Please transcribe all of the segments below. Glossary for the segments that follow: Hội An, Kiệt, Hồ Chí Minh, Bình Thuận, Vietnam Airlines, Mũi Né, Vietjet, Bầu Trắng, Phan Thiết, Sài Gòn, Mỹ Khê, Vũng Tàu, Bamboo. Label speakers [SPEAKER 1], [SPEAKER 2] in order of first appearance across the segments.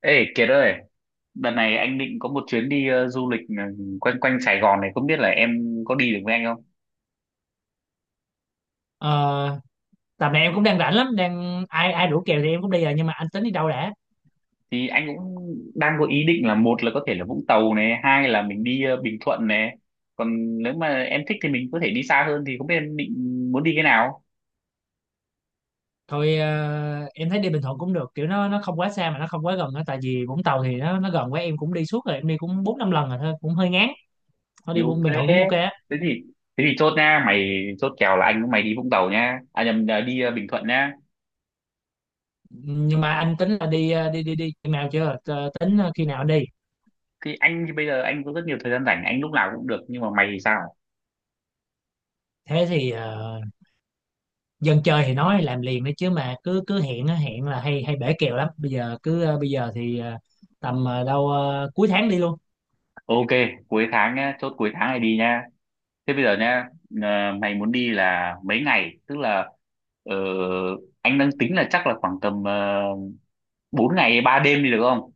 [SPEAKER 1] Ê Kiệt ơi, đợt này anh định có một chuyến đi du lịch, quanh quanh Sài Gòn này, không biết là em có đi được với anh không?
[SPEAKER 2] Ờ, tầm này em cũng đang rảnh lắm, đang ai ai rủ kèo thì em cũng đi rồi, nhưng mà anh tính đi đâu đã?
[SPEAKER 1] Thì anh cũng đang có ý định là một là có thể là Vũng Tàu này, hai là mình đi Bình Thuận này. Còn nếu mà em thích thì mình có thể đi xa hơn thì không biết em định muốn đi cái nào?
[SPEAKER 2] Thôi, em thấy đi Bình Thuận cũng được, kiểu nó không quá xa mà nó không quá gần á. Tại vì Vũng Tàu thì nó gần quá, em cũng đi suốt rồi, em đi cũng bốn năm lần rồi, thôi cũng hơi ngán. Thôi
[SPEAKER 1] Thì
[SPEAKER 2] đi
[SPEAKER 1] ok.
[SPEAKER 2] Bình Thuận cũng ok á.
[SPEAKER 1] Thế thì thế thì chốt nha, mày chốt kèo là anh với mày đi Vũng Tàu nha. À nhầm là đi Bình Thuận nha.
[SPEAKER 2] Nhưng mà anh tính là đi khi nào chưa? Ờ, tính khi nào đi?
[SPEAKER 1] Thì bây giờ anh có rất nhiều thời gian rảnh, anh lúc nào cũng được nhưng mà mày thì sao?
[SPEAKER 2] Thế thì, dân chơi thì nói làm liền đấy chứ, mà cứ cứ hẹn á, hẹn là hay hay bể kèo lắm. Bây giờ cứ, ờ, bây giờ thì ờ, tầm ờ, đâu ờ, cuối tháng đi luôn.
[SPEAKER 1] Ok, cuối tháng nhá, chốt cuối tháng này đi nha. Thế bây giờ nha, mày muốn đi là mấy ngày? Tức là, ờ, anh đang tính là chắc là khoảng tầm uh, 4 ngày 3 đêm đi được không?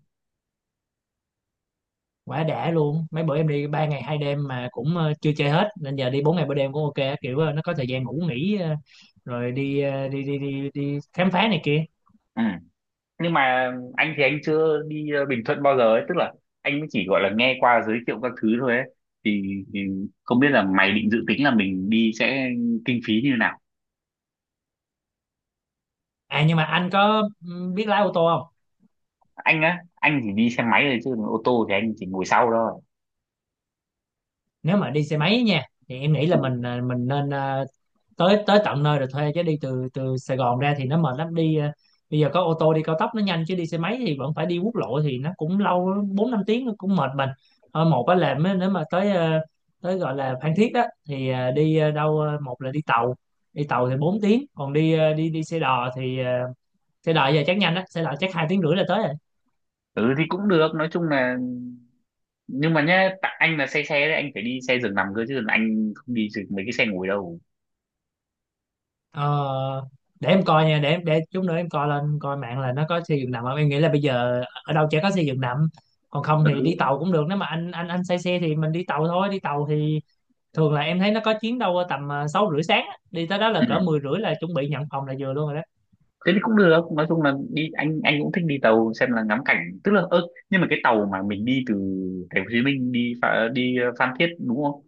[SPEAKER 2] Quá đã luôn, mấy bữa em đi ba ngày hai đêm mà cũng chưa chơi hết, nên giờ đi bốn ngày ba đêm cũng ok á. Kiểu nó có thời gian ngủ nghỉ, rồi đi, ờ, đi đi đi đi khám phá này kia.
[SPEAKER 1] Ừ. Nhưng mà anh chưa đi Bình Thuận bao giờ ấy, tức là anh mới chỉ gọi là nghe qua giới thiệu các thứ thôi ấy. Thì, thì không biết là mày định dự tính là mình đi sẽ kinh phí như nào?
[SPEAKER 2] À, nhưng mà anh có biết lái ô tô không?
[SPEAKER 1] Anh á, anh chỉ đi xe máy thôi chứ còn ô tô thì anh chỉ ngồi sau thôi.
[SPEAKER 2] Nếu mà đi xe máy nha, thì em nghĩ là
[SPEAKER 1] Ừ.
[SPEAKER 2] mình, mình nên tới tới tận nơi rồi thuê, chứ đi từ từ Sài Gòn ra thì nó mệt lắm. Đi bây giờ có ô tô đi cao tốc nó nhanh, chứ đi xe máy thì vẫn phải đi quốc lộ thì nó cũng lâu, bốn năm tiếng nó cũng mệt mình. Ờ, một á là nếu mà tới tới gọi là Phan Thiết đó, thì ờ, đi ờ, đâu ờ, một là đi tàu. Đi tàu thì 4 tiếng, còn đi, ờ, đi đi xe đò thì, xe đò giờ chắc nhanh á, xe đò chắc hai tiếng rưỡi là tới.
[SPEAKER 1] Ừ thì cũng được, nói chung là nhưng mà nhá tại anh là xe xe đấy anh phải đi xe giường nằm cơ chứ anh không đi được mấy cái xe ngồi đâu.
[SPEAKER 2] Ờ, để em coi nha, để em, để chút nữa em coi lên coi mạng là nó có xây dựng nằm không. Em nghĩ là bây giờ ở đâu chả có xây dựng nằm. Còn không thì đi
[SPEAKER 1] Ừ.
[SPEAKER 2] tàu cũng được, nếu mà anh anh say xe thì mình đi tàu thôi. Đi tàu thì thường là em thấy nó có chuyến đâu tầm sáu rưỡi sáng á. Đi tới đó là
[SPEAKER 1] Ừ.
[SPEAKER 2] cỡ mười rưỡi là chuẩn bị nhận phòng là vừa luôn rồi đó.
[SPEAKER 1] Thế thì cũng được, nói chung là đi anh cũng thích đi tàu xem là ngắm cảnh, tức là ơ, nhưng mà cái tàu mà mình đi từ thành phố Hồ Chí Minh đi Pha- đi ờ, Phan Thiết đúng không?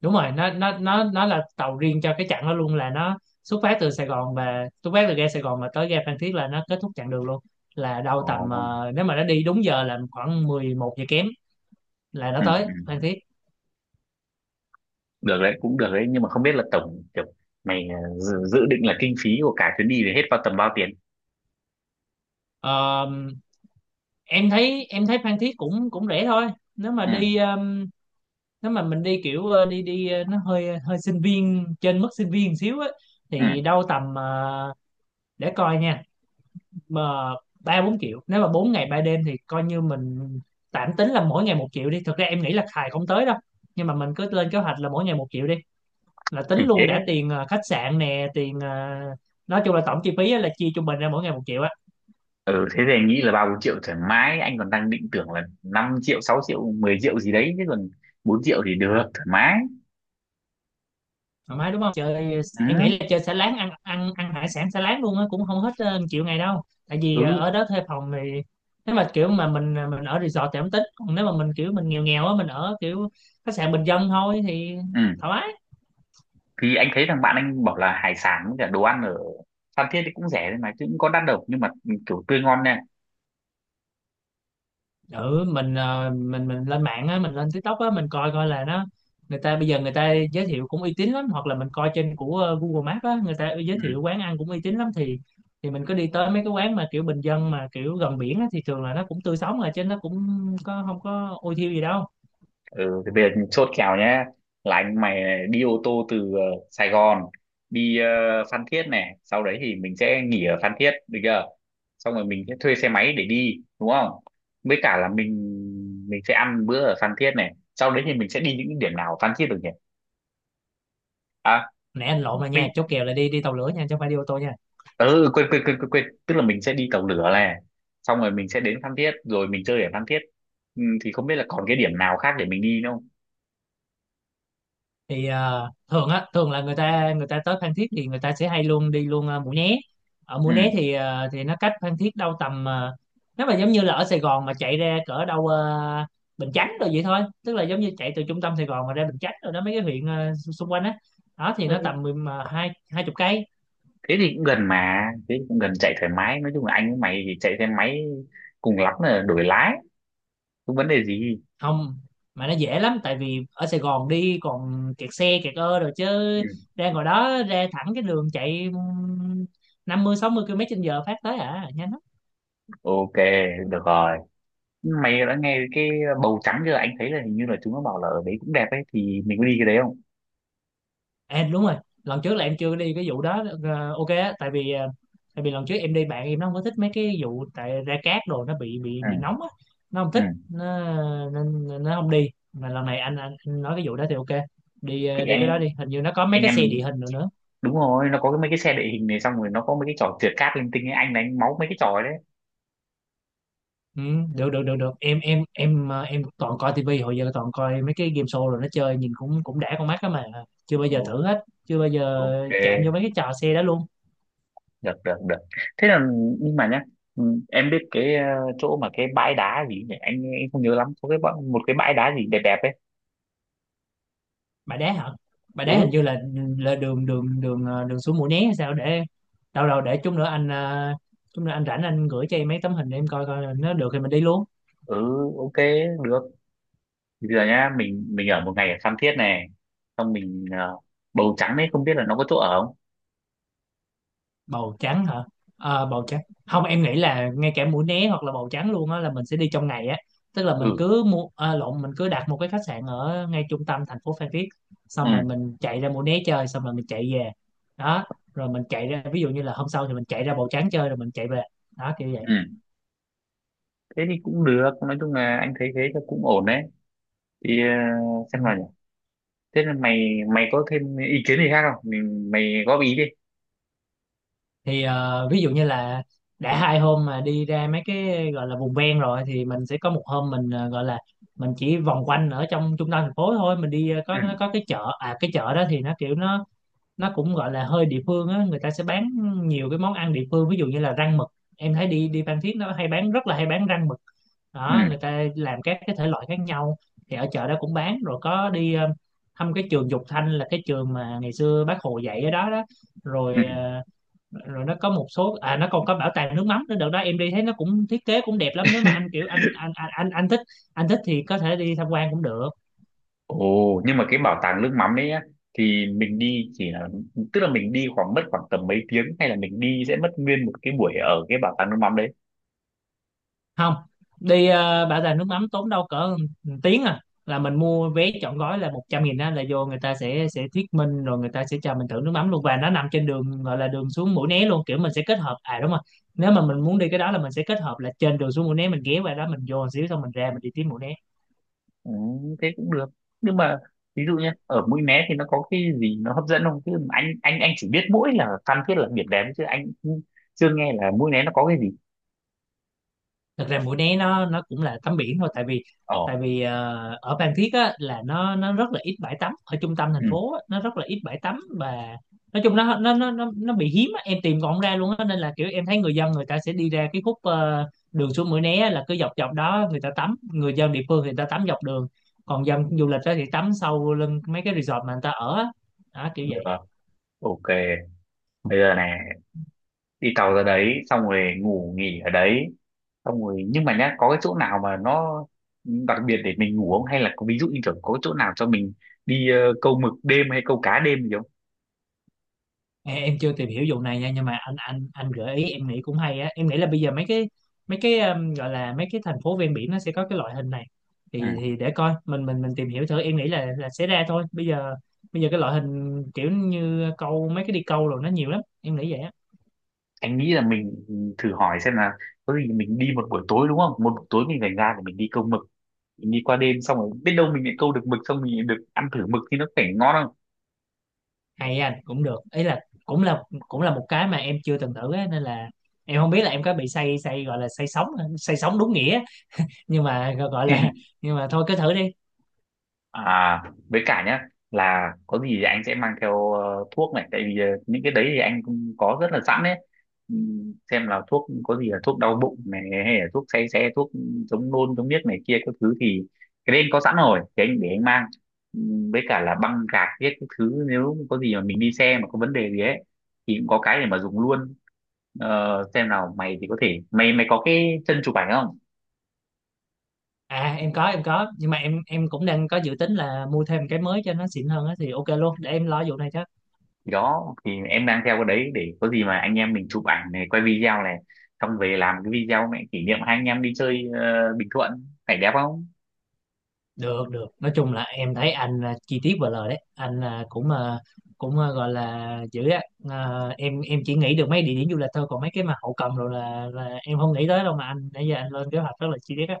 [SPEAKER 2] Đúng rồi, nó là tàu riêng cho cái chặng đó luôn, là nó xuất phát từ Sài Gòn, và xuất phát từ ga Sài Gòn mà tới ga Phan Thiết là nó kết thúc chặng đường luôn. Là đâu tầm
[SPEAKER 1] Ồ.
[SPEAKER 2] nếu mà nó đi đúng giờ là khoảng 11 giờ kém là nó
[SPEAKER 1] Ừ.
[SPEAKER 2] tới Phan
[SPEAKER 1] Ừ.
[SPEAKER 2] Thiết.
[SPEAKER 1] Được đấy, cũng được đấy, nhưng mà không biết là tổng kiểu mày, dự định là kinh phí của cả chuyến đi này hết vào tầm bao tiền.
[SPEAKER 2] Ờ, em thấy Phan Thiết cũng cũng rẻ thôi. Nếu mà đi,
[SPEAKER 1] Ừ.
[SPEAKER 2] nếu mà mình đi kiểu, ờ, đi đi ờ, nó hơi, hơi sinh viên, trên mức sinh viên xíu á,
[SPEAKER 1] Ừ.
[SPEAKER 2] thì đâu tầm để coi nha, mà ba bốn triệu, nếu mà 4 ngày ba đêm thì coi như mình tạm tính là mỗi ngày một triệu đi. Thực ra em nghĩ là xài không tới đâu, nhưng mà mình cứ lên kế hoạch là mỗi ngày một triệu đi, là
[SPEAKER 1] Thì
[SPEAKER 2] tính luôn
[SPEAKER 1] thế.
[SPEAKER 2] đã tiền khách sạn nè, tiền nói chung là tổng chi phí á, là chia trung bình ra mỗi ngày một triệu á.
[SPEAKER 1] Ừ thế thì anh nghĩ là ba bốn triệu thoải mái, anh còn đang định tưởng là 5 triệu 6 triệu 10 triệu gì đấy chứ còn 4 triệu thì được thoải mái.
[SPEAKER 2] Thoải mái đúng không? Chơi,
[SPEAKER 1] Ừ.
[SPEAKER 2] em nghĩ là chơi xả láng, ăn ăn ăn hải sản xả láng luôn á cũng không hết triệu ngày đâu. Tại vì
[SPEAKER 1] Ừ.
[SPEAKER 2] ở đó thuê phòng thì, nếu mà kiểu mà mình, mình ở resort thì không tính, còn nếu mà mình kiểu mình nghèo nghèo á, mình ở kiểu khách sạn bình dân thôi thì
[SPEAKER 1] Ừ.
[SPEAKER 2] thoải mái.
[SPEAKER 1] Thì anh thấy thằng bạn anh bảo là hải sản với cả đồ ăn ở Phan Thiết thì cũng rẻ đấy mà chứ cũng có đắt đâu, nhưng mà ừ, kiểu tươi ngon nha.
[SPEAKER 2] Ừ, mình, mình lên mạng á, mình lên TikTok á, mình coi coi là nó, người ta bây giờ người ta giới thiệu cũng uy tín lắm, hoặc là mình coi trên của Google Maps á, người ta
[SPEAKER 1] Ừ.
[SPEAKER 2] giới thiệu quán ăn cũng uy tín lắm. Thì mình cứ đi tới mấy cái quán mà kiểu bình dân mà kiểu gần biển á, thì thường là nó cũng tươi sống rồi, chứ nó cũng có không có ôi thiêu gì đâu.
[SPEAKER 1] Ừ, thì bây giờ chốt kèo nhé là anh mày này, đi ô tô từ Sài Gòn đi Phan Thiết này, sau đấy thì mình sẽ nghỉ ở Phan Thiết được chưa, xong rồi mình sẽ thuê xe máy để đi đúng không, với cả là mình sẽ ăn bữa ở Phan Thiết này, sau đấy thì mình sẽ đi những điểm nào ở Phan Thiết được nhỉ? À
[SPEAKER 2] Nè, anh lộn rồi nha,
[SPEAKER 1] mình
[SPEAKER 2] chốt kèo là đi, tàu lửa nha, chứ không phải đi ô tô nha.
[SPEAKER 1] ừ, quên, quên quên quên quên tức là mình sẽ đi tàu lửa này, xong rồi mình sẽ đến Phan Thiết rồi mình chơi ở Phan Thiết. Ừ, thì không biết là còn cái điểm nào khác để mình đi nữa không?
[SPEAKER 2] Thì thường á, thường là người ta tới Phan Thiết thì người ta sẽ hay luôn đi luôn Mũi Né. Ở Mũi Né thì, thì nó cách Phan Thiết đâu tầm nếu mà giống như là ở Sài Gòn mà chạy ra cỡ đâu Bình Chánh rồi vậy thôi. Tức là giống như chạy từ trung tâm Sài Gòn mà ra Bình Chánh rồi đó, mấy cái huyện xung quanh á đó. Thì nó
[SPEAKER 1] Ừ
[SPEAKER 2] tầm mười- mà hai hai chục cây.
[SPEAKER 1] thế thì cũng gần, mà thế thì cũng gần, chạy thoải mái, nói chung là anh với mày thì chạy xe máy cùng lắm là đổi lái, không vấn đề gì.
[SPEAKER 2] Không mà nó dễ lắm, tại vì ở Sài Gòn đi còn kẹt xe, kẹt ơ rồi chứ
[SPEAKER 1] Ừ.
[SPEAKER 2] ra ngoài đó ra thẳng cái đường chạy, 50 60 km trên giờ phát tới, à nhanh lắm.
[SPEAKER 1] Ok, được rồi. Mày đã nghe cái bầu trắng chưa, anh thấy là hình như là chúng nó bảo là ở đấy cũng đẹp ấy, thì mình có đi cái đấy không?
[SPEAKER 2] À, đúng rồi, lần trước là em chưa đi cái vụ đó, ok á. Tại vì tại vì lần trước em đi bạn em nó không có thích mấy cái vụ, tại ra cát đồ nó bị bị
[SPEAKER 1] Ừ.
[SPEAKER 2] bị nóng á, nó không
[SPEAKER 1] Ừ.
[SPEAKER 2] thích. Nó nên nên nó không đi, mà lần này anh, anh nói cái vụ đó thì ok. Đi
[SPEAKER 1] Thì
[SPEAKER 2] đi
[SPEAKER 1] anh
[SPEAKER 2] cái đó đi, hình như nó có mấy
[SPEAKER 1] anh
[SPEAKER 2] cái
[SPEAKER 1] em
[SPEAKER 2] xe địa
[SPEAKER 1] mình
[SPEAKER 2] hình rồi nữa.
[SPEAKER 1] đúng rồi, nó có cái mấy cái xe địa hình này, xong rồi nó có mấy cái trò trượt cáp linh tinh ấy, anh đánh máu mấy cái trò ấy đấy.
[SPEAKER 2] Ừ, được được được được, em toàn coi tivi, hồi giờ toàn coi mấy cái game show rồi nó chơi nhìn cũng cũng đã con mắt á, mà chưa bao giờ
[SPEAKER 1] Ồ,
[SPEAKER 2] thử hết, chưa bao giờ
[SPEAKER 1] ok,
[SPEAKER 2] chạm vô mấy cái trò xe đó luôn.
[SPEAKER 1] được được được. Thế là nhưng mà nhá, ừ, em biết cái chỗ mà cái bãi đá gì nhỉ, anh không nhớ lắm, có một cái bãi đá gì đẹp đẹp ấy.
[SPEAKER 2] Bãi Đá hả? Bãi Đá
[SPEAKER 1] Ừ.
[SPEAKER 2] hình như là đường đường đường ờ, đường xuống Mũi Né hay sao để, đâu đâu để chút nữa anh, chút nữa anh rảnh anh gửi cho em mấy tấm hình, để em coi coi là nó được thì mình đi luôn.
[SPEAKER 1] Ừ. Ok, được. Thì bây giờ nhá, mình ở một ngày ở Phan Thiết này, xong mình bầu trắng ấy không biết là nó có chỗ ở không?
[SPEAKER 2] Bầu trắng hả? Ờ, bầu trắng, không em nghĩ là ngay cả Mũi Né hoặc là bầu trắng luôn á là mình sẽ đi trong ngày á. Tức là mình
[SPEAKER 1] Ừ.
[SPEAKER 2] cứ mua, à, lộn mình cứ đặt một cái khách sạn ở ngay trung tâm thành phố Phan Thiết, xong rồi
[SPEAKER 1] Ừ.
[SPEAKER 2] mình chạy ra Mũi Né chơi xong rồi mình chạy về đó. Rồi mình chạy ra, ví dụ như là hôm sau thì mình chạy ra bầu trắng chơi rồi mình chạy về đó, kiểu vậy.
[SPEAKER 1] Ừ thế thì cũng được, nói chung là anh thấy thế là cũng ổn đấy, thì
[SPEAKER 2] Ừ.
[SPEAKER 1] xem nào nhỉ, thế là mày mày có thêm ý kiến gì khác không, mình mày góp ý đi.
[SPEAKER 2] Thì ví dụ như là đã hai hôm mà đi ra mấy cái gọi là vùng ven rồi, thì mình sẽ có một hôm mình gọi là mình chỉ vòng quanh ở trong trung tâm thành phố thôi. Mình đi có nó
[SPEAKER 1] Ừ.
[SPEAKER 2] có cái chợ, cái chợ đó thì nó kiểu nó cũng gọi là hơi địa phương á, người ta sẽ bán nhiều cái món ăn địa phương, ví dụ như là rang mực. Em thấy đi, Phan Thiết nó hay bán, rất là hay bán rang mực
[SPEAKER 1] Ừ.
[SPEAKER 2] đó. Người ta làm các cái thể loại khác nhau, thì ở chợ đó cũng bán. Rồi có đi thăm cái trường Dục Thanh, là cái trường mà ngày xưa bác Hồ dạy ở đó đó. Rồi,
[SPEAKER 1] Ừ.
[SPEAKER 2] ờ, rồi nó có một số, nó còn có bảo tàng nước mắm nữa. Đợt đó em đi thấy nó cũng thiết kế cũng đẹp lắm, nếu mà anh kiểu anh anh thích, anh thích thì có thể đi tham quan cũng được.
[SPEAKER 1] Ồ, nhưng mà cái bảo tàng nước mắm đấy á, thì mình đi chỉ là, tức là mình đi khoảng mất khoảng tầm mấy tiếng hay là mình đi sẽ mất nguyên một cái buổi ở cái bảo tàng nước mắm đấy.
[SPEAKER 2] Không, đi bảo tàng nước mắm tốn đâu cỡ một tiếng à, là mình mua vé trọn gói là 100 nghìn đó, là vô người ta sẽ thuyết minh, rồi người ta sẽ cho mình thử nước mắm luôn. Và nó nằm trên đường gọi là đường xuống Mũi Né luôn, kiểu mình sẽ kết hợp, à đúng rồi, nếu mà mình muốn đi cái đó là mình sẽ kết hợp là trên đường xuống Mũi Né mình ghé qua đó, mình vô một xíu xong mình ra mình đi tiếp Mũi Né.
[SPEAKER 1] Ừ, thế cũng được. Nhưng mà ví dụ nhá, ở Mũi Né thì nó có cái gì nó hấp dẫn không? Chứ anh chỉ biết mỗi là Phan Thiết là biển đẹp chứ anh cũng chưa nghe là Mũi Né nó có cái gì.
[SPEAKER 2] Thật ra Mũi Né nó cũng là tắm biển thôi. Tại vì
[SPEAKER 1] Ồ,
[SPEAKER 2] ở Phan Thiết á, là nó rất là ít bãi tắm ở trung tâm thành
[SPEAKER 1] ừ,
[SPEAKER 2] phố á, nó rất là ít bãi tắm. Và nói chung nó bị hiếm á, em tìm còn không ra luôn á. Nên là kiểu em thấy người dân người ta sẽ đi ra cái khúc đường xuống Mũi Né á, là cứ dọc dọc đó người ta tắm, người dân địa phương thì người ta tắm dọc đường. Còn dân du lịch á thì tắm sâu lưng mấy cái resort mà người ta ở á. Đó, kiểu
[SPEAKER 1] được.
[SPEAKER 2] vậy.
[SPEAKER 1] Ok. Bây giờ này, đi tàu ra đấy xong rồi ngủ nghỉ ở đấy, xong rồi nhưng mà nhá có cái chỗ nào mà nó đặc biệt để mình ngủ không, hay là có ví dụ như kiểu có chỗ nào cho mình đi câu mực đêm hay câu cá đêm gì không?
[SPEAKER 2] Ê, em chưa tìm hiểu vụ này nha, nhưng mà anh anh gợi ý em nghĩ cũng hay á. Em nghĩ là bây giờ mấy cái, gọi là mấy cái thành phố ven biển nó sẽ có cái loại hình này,
[SPEAKER 1] Ừ.
[SPEAKER 2] thì để coi, mình mình tìm hiểu thử, em nghĩ là sẽ ra thôi. Bây giờ cái loại hình kiểu như câu, mấy cái đi câu rồi nó nhiều lắm, em nghĩ vậy á.
[SPEAKER 1] Anh nghĩ là mình thử hỏi xem là có gì mình đi một buổi tối đúng không, một buổi tối mình phải ra để mình đi câu mực, mình đi qua đêm xong rồi biết đâu mình lại câu được mực xong mình được ăn thử mực thì nó phải ngon không?
[SPEAKER 2] Hay, anh cũng được ý, là cũng là một cái mà em chưa từng thử á, nên là em không biết là em có bị say say gọi là say sóng, say sóng đúng nghĩa, nhưng mà gọi là, nhưng mà thôi cứ thử đi.
[SPEAKER 1] À, với cả nhá là có gì thì anh sẽ mang theo thuốc này, tại vì những cái đấy thì anh cũng có rất là sẵn đấy. Xem là thuốc có gì là thuốc đau bụng này hay là thuốc say xe, thuốc chống nôn chống điếc này kia các thứ thì cái đấy anh có sẵn rồi thì anh để anh mang. Với cả là băng gạc viết các thứ nếu có gì mà mình đi xe mà có vấn đề gì ấy thì cũng có cái để mà dùng luôn. Ờ, xem nào mày thì có thể mày mày có cái chân chụp ảnh không?
[SPEAKER 2] À, em có, nhưng mà em, cũng đang có dự tính là mua thêm cái mới cho nó xịn hơn á, thì ok luôn, để em lo vụ này chứ.
[SPEAKER 1] Đó thì em đang theo cái đấy để có gì mà anh em mình chụp ảnh này, quay video này, xong về làm cái video này kỷ niệm hai anh em đi chơi Bình Thuận phải đẹp không?
[SPEAKER 2] Được được. Nói chung là em thấy anh là chi tiết và lời đấy. Anh là cũng gọi là dữ á. Ờ, em chỉ nghĩ được mấy địa điểm du lịch thôi, còn mấy cái mà hậu cần rồi là em không nghĩ tới đâu, mà anh nãy giờ anh lên kế hoạch rất là chi tiết á.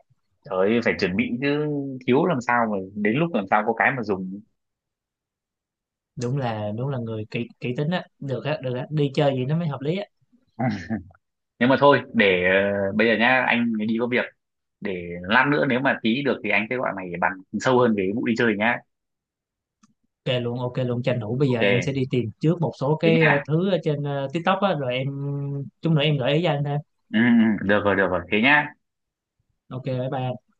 [SPEAKER 1] Trời ơi, phải chuẩn bị chứ, thiếu làm sao mà đến lúc làm sao có cái mà dùng.
[SPEAKER 2] Đúng là, người kỹ kỹ tính á. Được á, được á. Đi chơi gì nó mới hợp lý á.
[SPEAKER 1] Nhưng mà thôi để bây giờ nhá anh đi có việc, để lát nữa nếu mà tí được thì anh sẽ gọi mày để bàn sâu hơn về cái vụ đi chơi nhá.
[SPEAKER 2] Ok luôn, ok luôn, tranh thủ bây giờ
[SPEAKER 1] Ok,
[SPEAKER 2] em sẽ đi tìm trước một số
[SPEAKER 1] thế
[SPEAKER 2] cái
[SPEAKER 1] nhá.
[SPEAKER 2] thứ ở trên TikTok á, rồi em chút nữa em gợi ý cho anh ha.
[SPEAKER 1] Ừ, ừ, được rồi được rồi, thế nhá.
[SPEAKER 2] Ok, bye bye.